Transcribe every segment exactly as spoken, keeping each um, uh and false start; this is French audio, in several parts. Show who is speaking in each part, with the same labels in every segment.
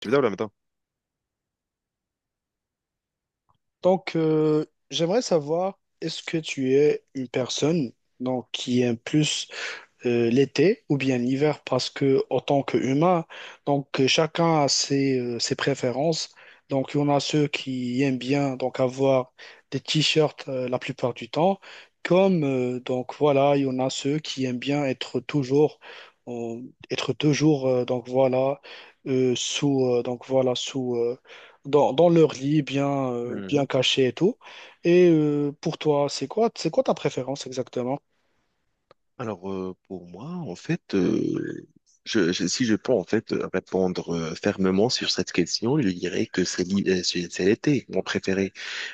Speaker 1: Tu veux dire ou en même.
Speaker 2: Donc, euh, j'aimerais savoir, est-ce que tu es une personne donc, qui aime plus euh, l'été ou bien l'hiver, parce que en tant qu'humain, donc euh, chacun a ses, euh, ses préférences. Donc il y en a ceux qui aiment bien donc avoir des t-shirts, euh, la plupart du temps, comme euh, donc voilà, il y en a ceux qui aiment bien être toujours en- être toujours euh, donc voilà, euh, sous euh, donc voilà, sous euh, dans, dans leur lit bien euh, bien
Speaker 1: Mhm.
Speaker 2: caché et tout. Et euh, pour toi, c'est quoi, c'est quoi ta préférence exactement?
Speaker 1: Alors, euh, pour moi, en fait, euh, je, je- si je peux en fait euh, répondre euh, fermement sur cette question, je dirais que c'est l'hi- euh, c'est c'est l'été, mon préféré.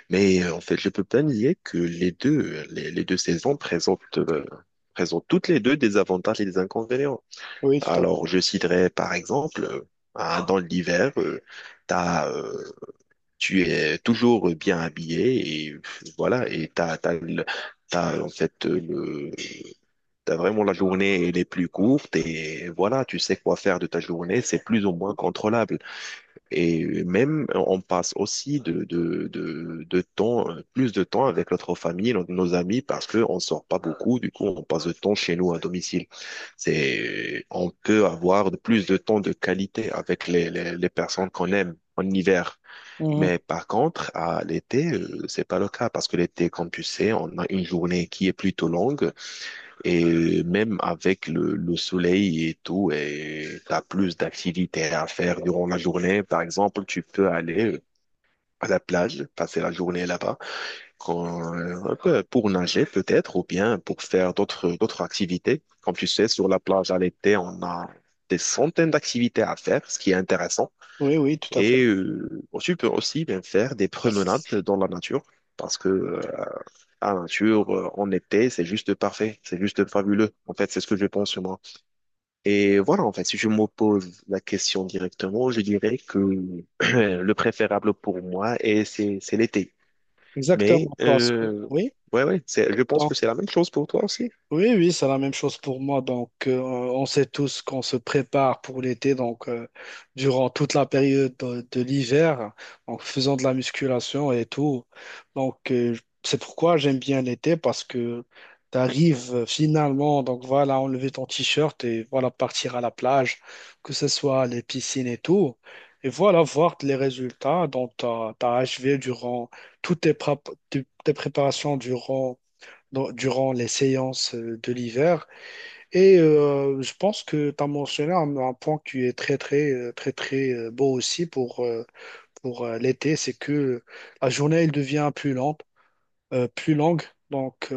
Speaker 1: Mais euh, en fait, je peux pas nier que les deux, euh, les, les deux saisons présentent, euh, présentent toutes les deux des avantages et des inconvénients.
Speaker 2: Oui, tout à fait.
Speaker 1: Alors, je citerai par exemple, euh, ah, dans l'hiver, euh, t'as, euh, tu es toujours bien habillé et pff, voilà, et t'as, t'as, le- t'as en fait euh, le T'as vraiment la journée, elle est plus courte et voilà, tu sais quoi faire de ta journée, c'est plus ou moins contrôlable. Et même, on passe aussi de, de, de, de temps, plus de temps avec notre famille, nos nos amis, parce qu'on sort pas beaucoup, du coup, on passe de temps chez nous à domicile. C'est, on peut avoir de- plus de temps de qualité avec les, les, les personnes qu'on aime en hiver. Mais par contre, à l'été, euh, c'est pas le cas parce que l'été, comme tu sais, on a une journée qui est plutôt longue. Et même avec le, le soleil et tout, et t'as plus d'activités à faire durant la journée. Par exemple, tu peux aller à la plage, passer la journée là-bas, quand- euh, pour nager peut-être, ou bien pour faire d'autres d'autres activités. Comme tu sais, sur la plage à l'été, on a des centaines d'activités à faire, ce qui est intéressant.
Speaker 2: Oui, oui, tout à fait.
Speaker 1: Et euh, tu peux aussi bien faire des promenades dans la nature, parce que euh, la nature euh, en été, c'est juste parfait, c'est juste fabuleux. En fait, c'est ce que je pense moi. Et voilà, en fait, si je me pose la question directement, je dirais que le préférable pour moi, est- c'est c'est l'été. Mais,
Speaker 2: Exactement, parce que,
Speaker 1: euh,
Speaker 2: oui,
Speaker 1: ouais, ouais, c'est- je pense
Speaker 2: dans.
Speaker 1: que c'est la même chose pour toi aussi.
Speaker 2: Oui, oui, c'est la même chose pour moi. Donc, euh, on sait tous qu'on se prépare pour l'été. Donc, euh, durant toute la période de, de l'hiver, en faisant de la musculation et tout. Donc, euh, c'est pourquoi j'aime bien l'été, parce que tu arrives finalement, donc voilà, enlever ton t-shirt et voilà, partir à la plage, que ce soit les piscines et tout. Et voilà, voir les résultats dont tu as achevé durant toutes tes prép- tes tes préparations durant dans- durant les séances euh, de l'hiver. Et euh, je pense que tu as mentionné un, un point qui est très, très, euh, très, très euh, beau aussi pour, euh, pour euh, l'été. C'est que la journée, elle devient plus lente, euh, plus longue. Donc, euh,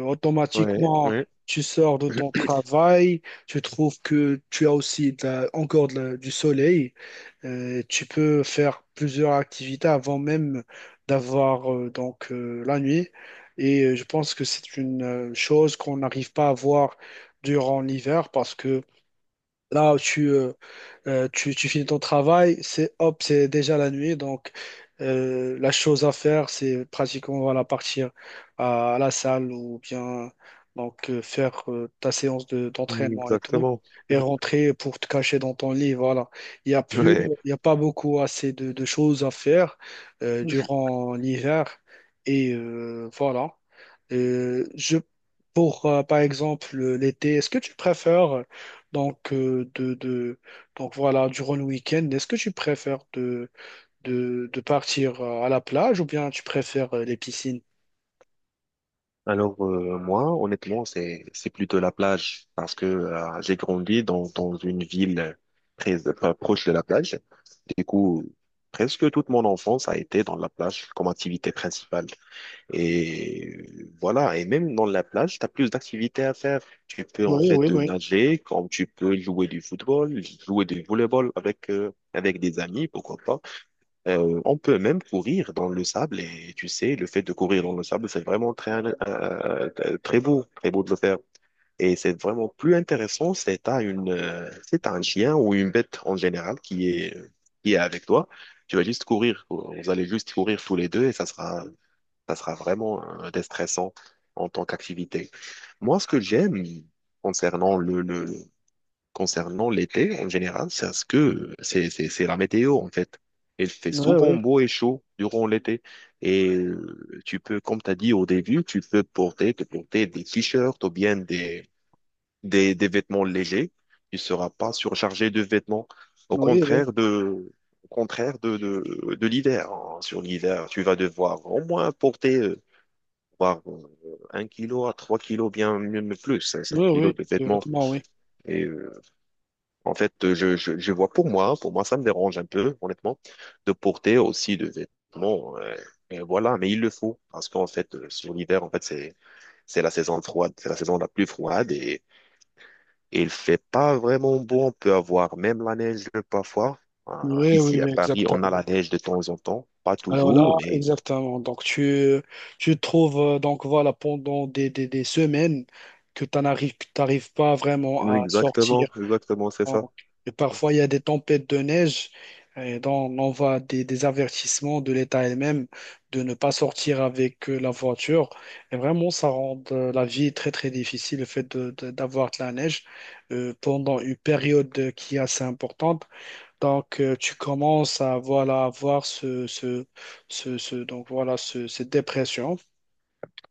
Speaker 1: Ouais,
Speaker 2: Automatiquement,
Speaker 1: ouais,
Speaker 2: tu sors de ton travail, tu trouves que tu as aussi de la- encore de la- du soleil. Euh, tu peux faire plusieurs activités avant même d'avoir euh, donc euh, la nuit. Et euh, je pense que c'est une euh, chose qu'on n'arrive pas à voir durant l'hiver, parce que là, tu, euh, euh, tu, tu finis ton travail, c'est hop, c'est déjà la nuit. Donc, euh, la chose à faire, c'est pratiquement voilà, partir à, à la salle ou bien donc, euh, faire euh, ta séance de, d'entraînement et tout,
Speaker 1: exactement.
Speaker 2: et rentrer pour te cacher dans ton lit. Voilà. Il n'y a plus,
Speaker 1: Ouais.
Speaker 2: il y a pas beaucoup assez de, de choses à faire euh, durant l'hiver. Et euh, voilà. Euh, je, pour, euh, par exemple, l'été, est-ce que tu préfères. Donc, euh, de, de- donc voilà, durant le week-end, est-ce que tu préfères de, de, de partir euh, à la plage, ou bien tu préfères euh, les piscines?
Speaker 1: Alors euh, moi, honnêtement, c'est c'est plutôt la plage parce que euh, j'ai grandi dans dans une ville très enfin, proche de la plage. Du coup, presque toute mon enfance a été dans la plage comme activité principale. Et euh, voilà, et même dans la plage, tu as plus d'activités à faire. Tu peux en
Speaker 2: Oui,
Speaker 1: fait
Speaker 2: oui,
Speaker 1: euh,
Speaker 2: oui.
Speaker 1: nager, comme tu peux jouer du football, jouer du volleyball avec euh, avec des amis, pourquoi pas. Euh, on peut même courir dans le sable et tu sais, le fait de courir dans le sable, c'est vraiment très, euh, euh, très beau, très beau de le faire. Et c'est vraiment plus intéressant, c'est à une, euh, c'est à un chien ou une bête en général qui est, qui est avec toi. Tu vas juste courir, vous allez juste courir tous les deux et ça sera, ça sera vraiment euh, déstressant en tant qu'activité. Moi, ce que j'aime concernant le, le, Concernant l'été, en général, c'est à ce que c'est c'est- c'est la météo en fait. Il fait
Speaker 2: Oui,
Speaker 1: souvent
Speaker 2: oui.
Speaker 1: beau et chaud durant l'été. Et euh, tu peux, comme tu as dit au début, tu peux porter, te porter des t-shirts ou bien des, des, des vêtements légers. Tu ne seras pas surchargé de vêtements. Au
Speaker 2: Oui, oui.
Speaker 1: contraire de, au contraire de, de, de l'hiver, hein. Sur l'hiver, tu vas devoir au moins porter euh, voire, euh, un kilo à trois kilos, bien mieux, mais plus, hein, cinq
Speaker 2: Oui,
Speaker 1: kilos
Speaker 2: oui.
Speaker 1: de
Speaker 2: Les
Speaker 1: vêtements.
Speaker 2: vêtements, oui.
Speaker 1: Et euh, en fait, euh, je, je, je vois pour moi, pour moi, ça me dérange un peu, honnêtement, de porter aussi de vêtements, euh, et voilà, mais il le faut. Parce qu'en fait, euh, sur l'hiver, en fait, c'est, c'est la saison froide, c'est la saison la plus froide et, et il fait pas vraiment beau. On peut avoir même la neige parfois. Euh,
Speaker 2: Oui, oui,
Speaker 1: ici à
Speaker 2: oui,
Speaker 1: Paris, on a la
Speaker 2: exactement.
Speaker 1: neige de temps en temps. Pas
Speaker 2: Alors là,
Speaker 1: toujours, mais
Speaker 2: exactement. Donc, tu, tu trouves, euh, donc voilà, pendant des, des, des semaines que tu n'arrives, t'arrives pas vraiment
Speaker 1: oui,
Speaker 2: à sortir.
Speaker 1: exactement, exactement, c'est ça.
Speaker 2: Donc, et parfois, il y a des tempêtes de neige, et donc, on envoie des, des avertissements de l'État elle-même de ne pas sortir avec euh, la voiture. Et vraiment, ça rend euh, la vie très, très difficile, le fait de- de- d'avoir de la neige euh, pendant une période qui est assez importante. Donc, euh, tu commences à voilà, avoir ce, ce, ce, ce- donc voilà, ce- cette dépression.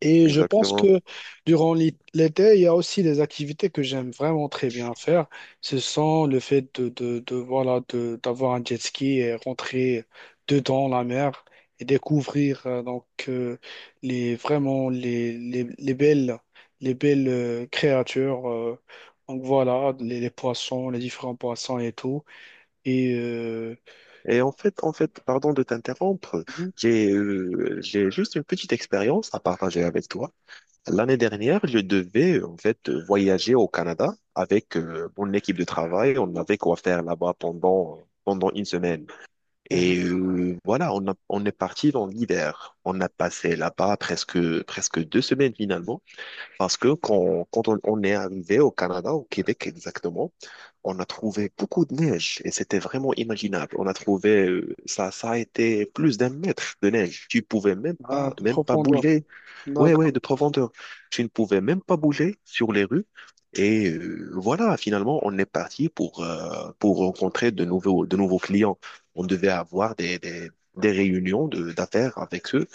Speaker 2: Et je pense
Speaker 1: Exactement.
Speaker 2: que durant l'hi- l'été, il y a aussi des activités que j'aime vraiment très bien faire. Ce sont le fait de, de, de, voilà, de, d'avoir un jet ski et rentrer dedans la mer et découvrir euh, donc euh, les vraiment les, les, les belles, les belles euh, créatures. Euh, donc voilà, les, les poissons, les différents poissons et tout. Et euh,
Speaker 1: Et en fait, en fait, pardon de t'interrompre,
Speaker 2: mhm,
Speaker 1: j'ai, euh, j'ai juste une petite expérience à partager avec toi. L'année dernière, je devais en fait voyager au Canada avec euh, mon équipe de travail. On avait quoi faire là-bas pendant pendant une semaine.
Speaker 2: mhm.
Speaker 1: Et euh, voilà, on a- on est parti dans l'hiver. On a passé là-bas presque presque deux semaines finalement, parce que quand quand on, on est arrivé au Canada, au Québec exactement, on a trouvé beaucoup de neige et c'était vraiment imaginable. On a trouvé euh, ça ça a été plus d'un mètre de neige. Tu pouvais même
Speaker 2: Ah,
Speaker 1: pas
Speaker 2: de
Speaker 1: même pas
Speaker 2: profondeur.
Speaker 1: bouger. Ouais, ouais,
Speaker 2: D'accord.
Speaker 1: de profondeur. Je ne pouvais même pas bouger sur les rues. Et euh, voilà, finalement, on est parti pour, euh, pour rencontrer de nouveaux, de nouveaux clients. On devait avoir des, des, des réunions de, d'affaires avec eux.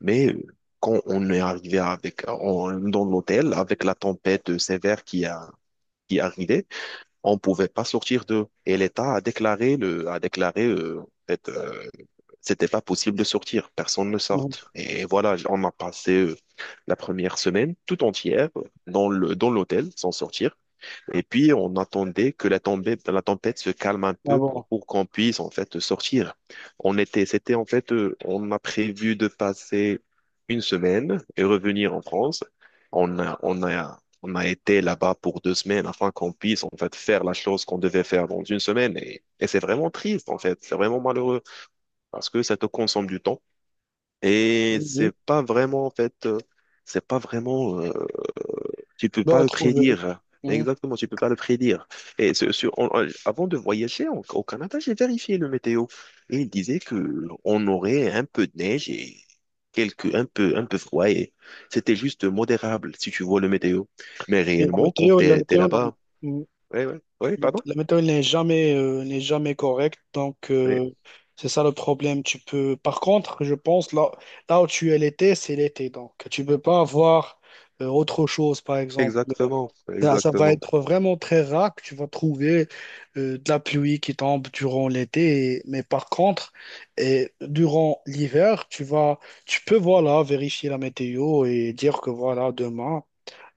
Speaker 1: Mais euh, quand on est arrivé avec, en- dans l'hôtel, avec la tempête sévère qui a, qui arrivait, on pouvait pas sortir d'eux. Et l'État a déclaré, le, a déclaré euh, en fait, euh, c'était pas possible de sortir, personne ne
Speaker 2: Mhm.
Speaker 1: sorte. Et voilà, on a passé euh, la première semaine tout entière euh, dans le, dans l'hôtel sans sortir. Et puis on attendait que la tombée, la tempête se calme un
Speaker 2: Ah
Speaker 1: peu pour,
Speaker 2: bon.
Speaker 1: pour qu'on puisse en fait sortir. On était, c'était en fait, euh, on a prévu de passer une semaine et revenir en France. On a, on a, on a été là-bas pour deux semaines afin qu'on puisse en fait faire la chose qu'on devait faire dans une semaine. Et, et c'est vraiment triste en fait, c'est vraiment malheureux parce que ça te consomme du temps et
Speaker 2: Oui,
Speaker 1: c'est
Speaker 2: oui.
Speaker 1: pas vraiment en fait euh, c'est pas vraiment euh, tu peux pas
Speaker 2: Bah,
Speaker 1: le
Speaker 2: trouver,
Speaker 1: prédire
Speaker 2: oui. Mhm.
Speaker 1: exactement, tu peux pas le prédire. Et ce- ce- on- on- avant de voyager en- au Canada, j'ai vérifié le météo et il disait que on aurait un peu de neige et quelques un peu un peu froid et c'était juste modérable si tu vois le météo, mais
Speaker 2: Oui, la
Speaker 1: réellement quand
Speaker 2: météo, la
Speaker 1: t'es t'es
Speaker 2: météo, non.
Speaker 1: là-bas.
Speaker 2: Mm.
Speaker 1: Ouais, ouais, ouais, pardon.
Speaker 2: La météo n'est jamais, euh, n'est jamais correcte, donc
Speaker 1: Ouais,
Speaker 2: euh, c'est ça le problème. Tu peux, par contre, je pense là, là où tu es l'été, c'est l'été, donc tu peux pas avoir euh, autre chose, par exemple.
Speaker 1: exactement,
Speaker 2: Ça, ça va
Speaker 1: exactement.
Speaker 2: être vraiment très rare que tu vas trouver euh, de la pluie qui tombe durant l'été, et- mais par contre, et durant l'hiver, tu vas, tu peux voilà vérifier la météo et dire que voilà demain.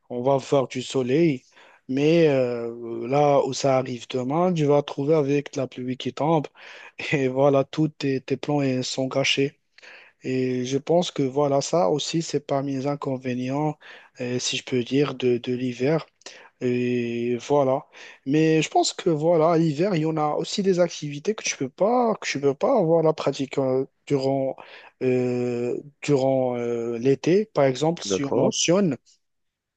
Speaker 2: On va voir du soleil, mais euh, là où ça arrive demain, tu vas te trouver avec la pluie qui tombe. Et voilà, tous tes, tes plans euh, sont gâchés. Et je pense que voilà, ça aussi, c'est parmi les inconvénients, euh, si je peux dire, de, de l'hiver. Et voilà. Mais je pense que voilà, à l'hiver, il y en a aussi des activités que tu peux pas, que tu peux pas avoir la pratique euh, durant, euh, durant euh, l'été. Par exemple, si on
Speaker 1: D'accord.
Speaker 2: mentionne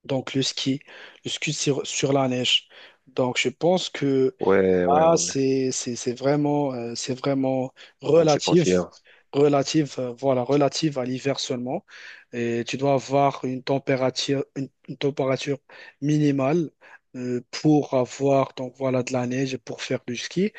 Speaker 2: donc le ski, le ski sur, sur la neige. Donc je pense que
Speaker 1: Ouais, ouais,
Speaker 2: là,
Speaker 1: ouais, ouais.
Speaker 2: c'est c'est- c'est vraiment, euh, c'est vraiment
Speaker 1: On se confie.
Speaker 2: relative, relative, euh, voilà, relative à l'hiver seulement. Et tu dois avoir une température, une, une température minimale, euh, pour avoir donc voilà de la neige et pour faire du ski.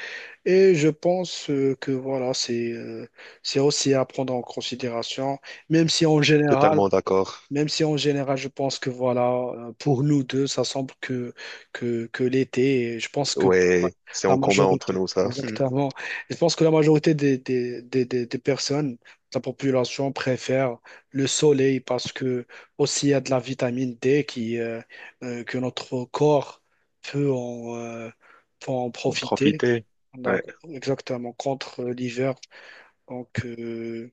Speaker 2: Et je pense euh, que voilà c'est euh, c'est aussi à prendre en considération, même si en Mm. général,
Speaker 1: Totalement d'accord.
Speaker 2: même si en général, je pense que voilà, euh, pour nous deux, ça semble que, que, que l'été, et je pense que pour
Speaker 1: Ouais, c'est
Speaker 2: la
Speaker 1: en commun entre
Speaker 2: majorité,
Speaker 1: nous, ça.
Speaker 2: exactement, je pense que la majorité des, des, des, des, des personnes, de la population préfère le soleil, parce que aussi il y a de la vitamine dé qui, euh, euh, que notre corps peut en, euh, peut en
Speaker 1: En
Speaker 2: profiter.
Speaker 1: profiter.
Speaker 2: Donc,
Speaker 1: Ouais.
Speaker 2: exactement, contre l'hiver. Donc, euh,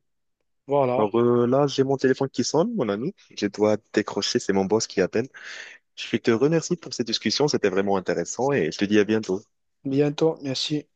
Speaker 2: voilà.
Speaker 1: Alors euh, là, j'ai mon téléphone qui sonne, mon ami. Je dois décrocher, c'est mon boss qui appelle. Je te remercie pour cette discussion, c'était vraiment intéressant et je te dis à bientôt.
Speaker 2: Bientôt, merci.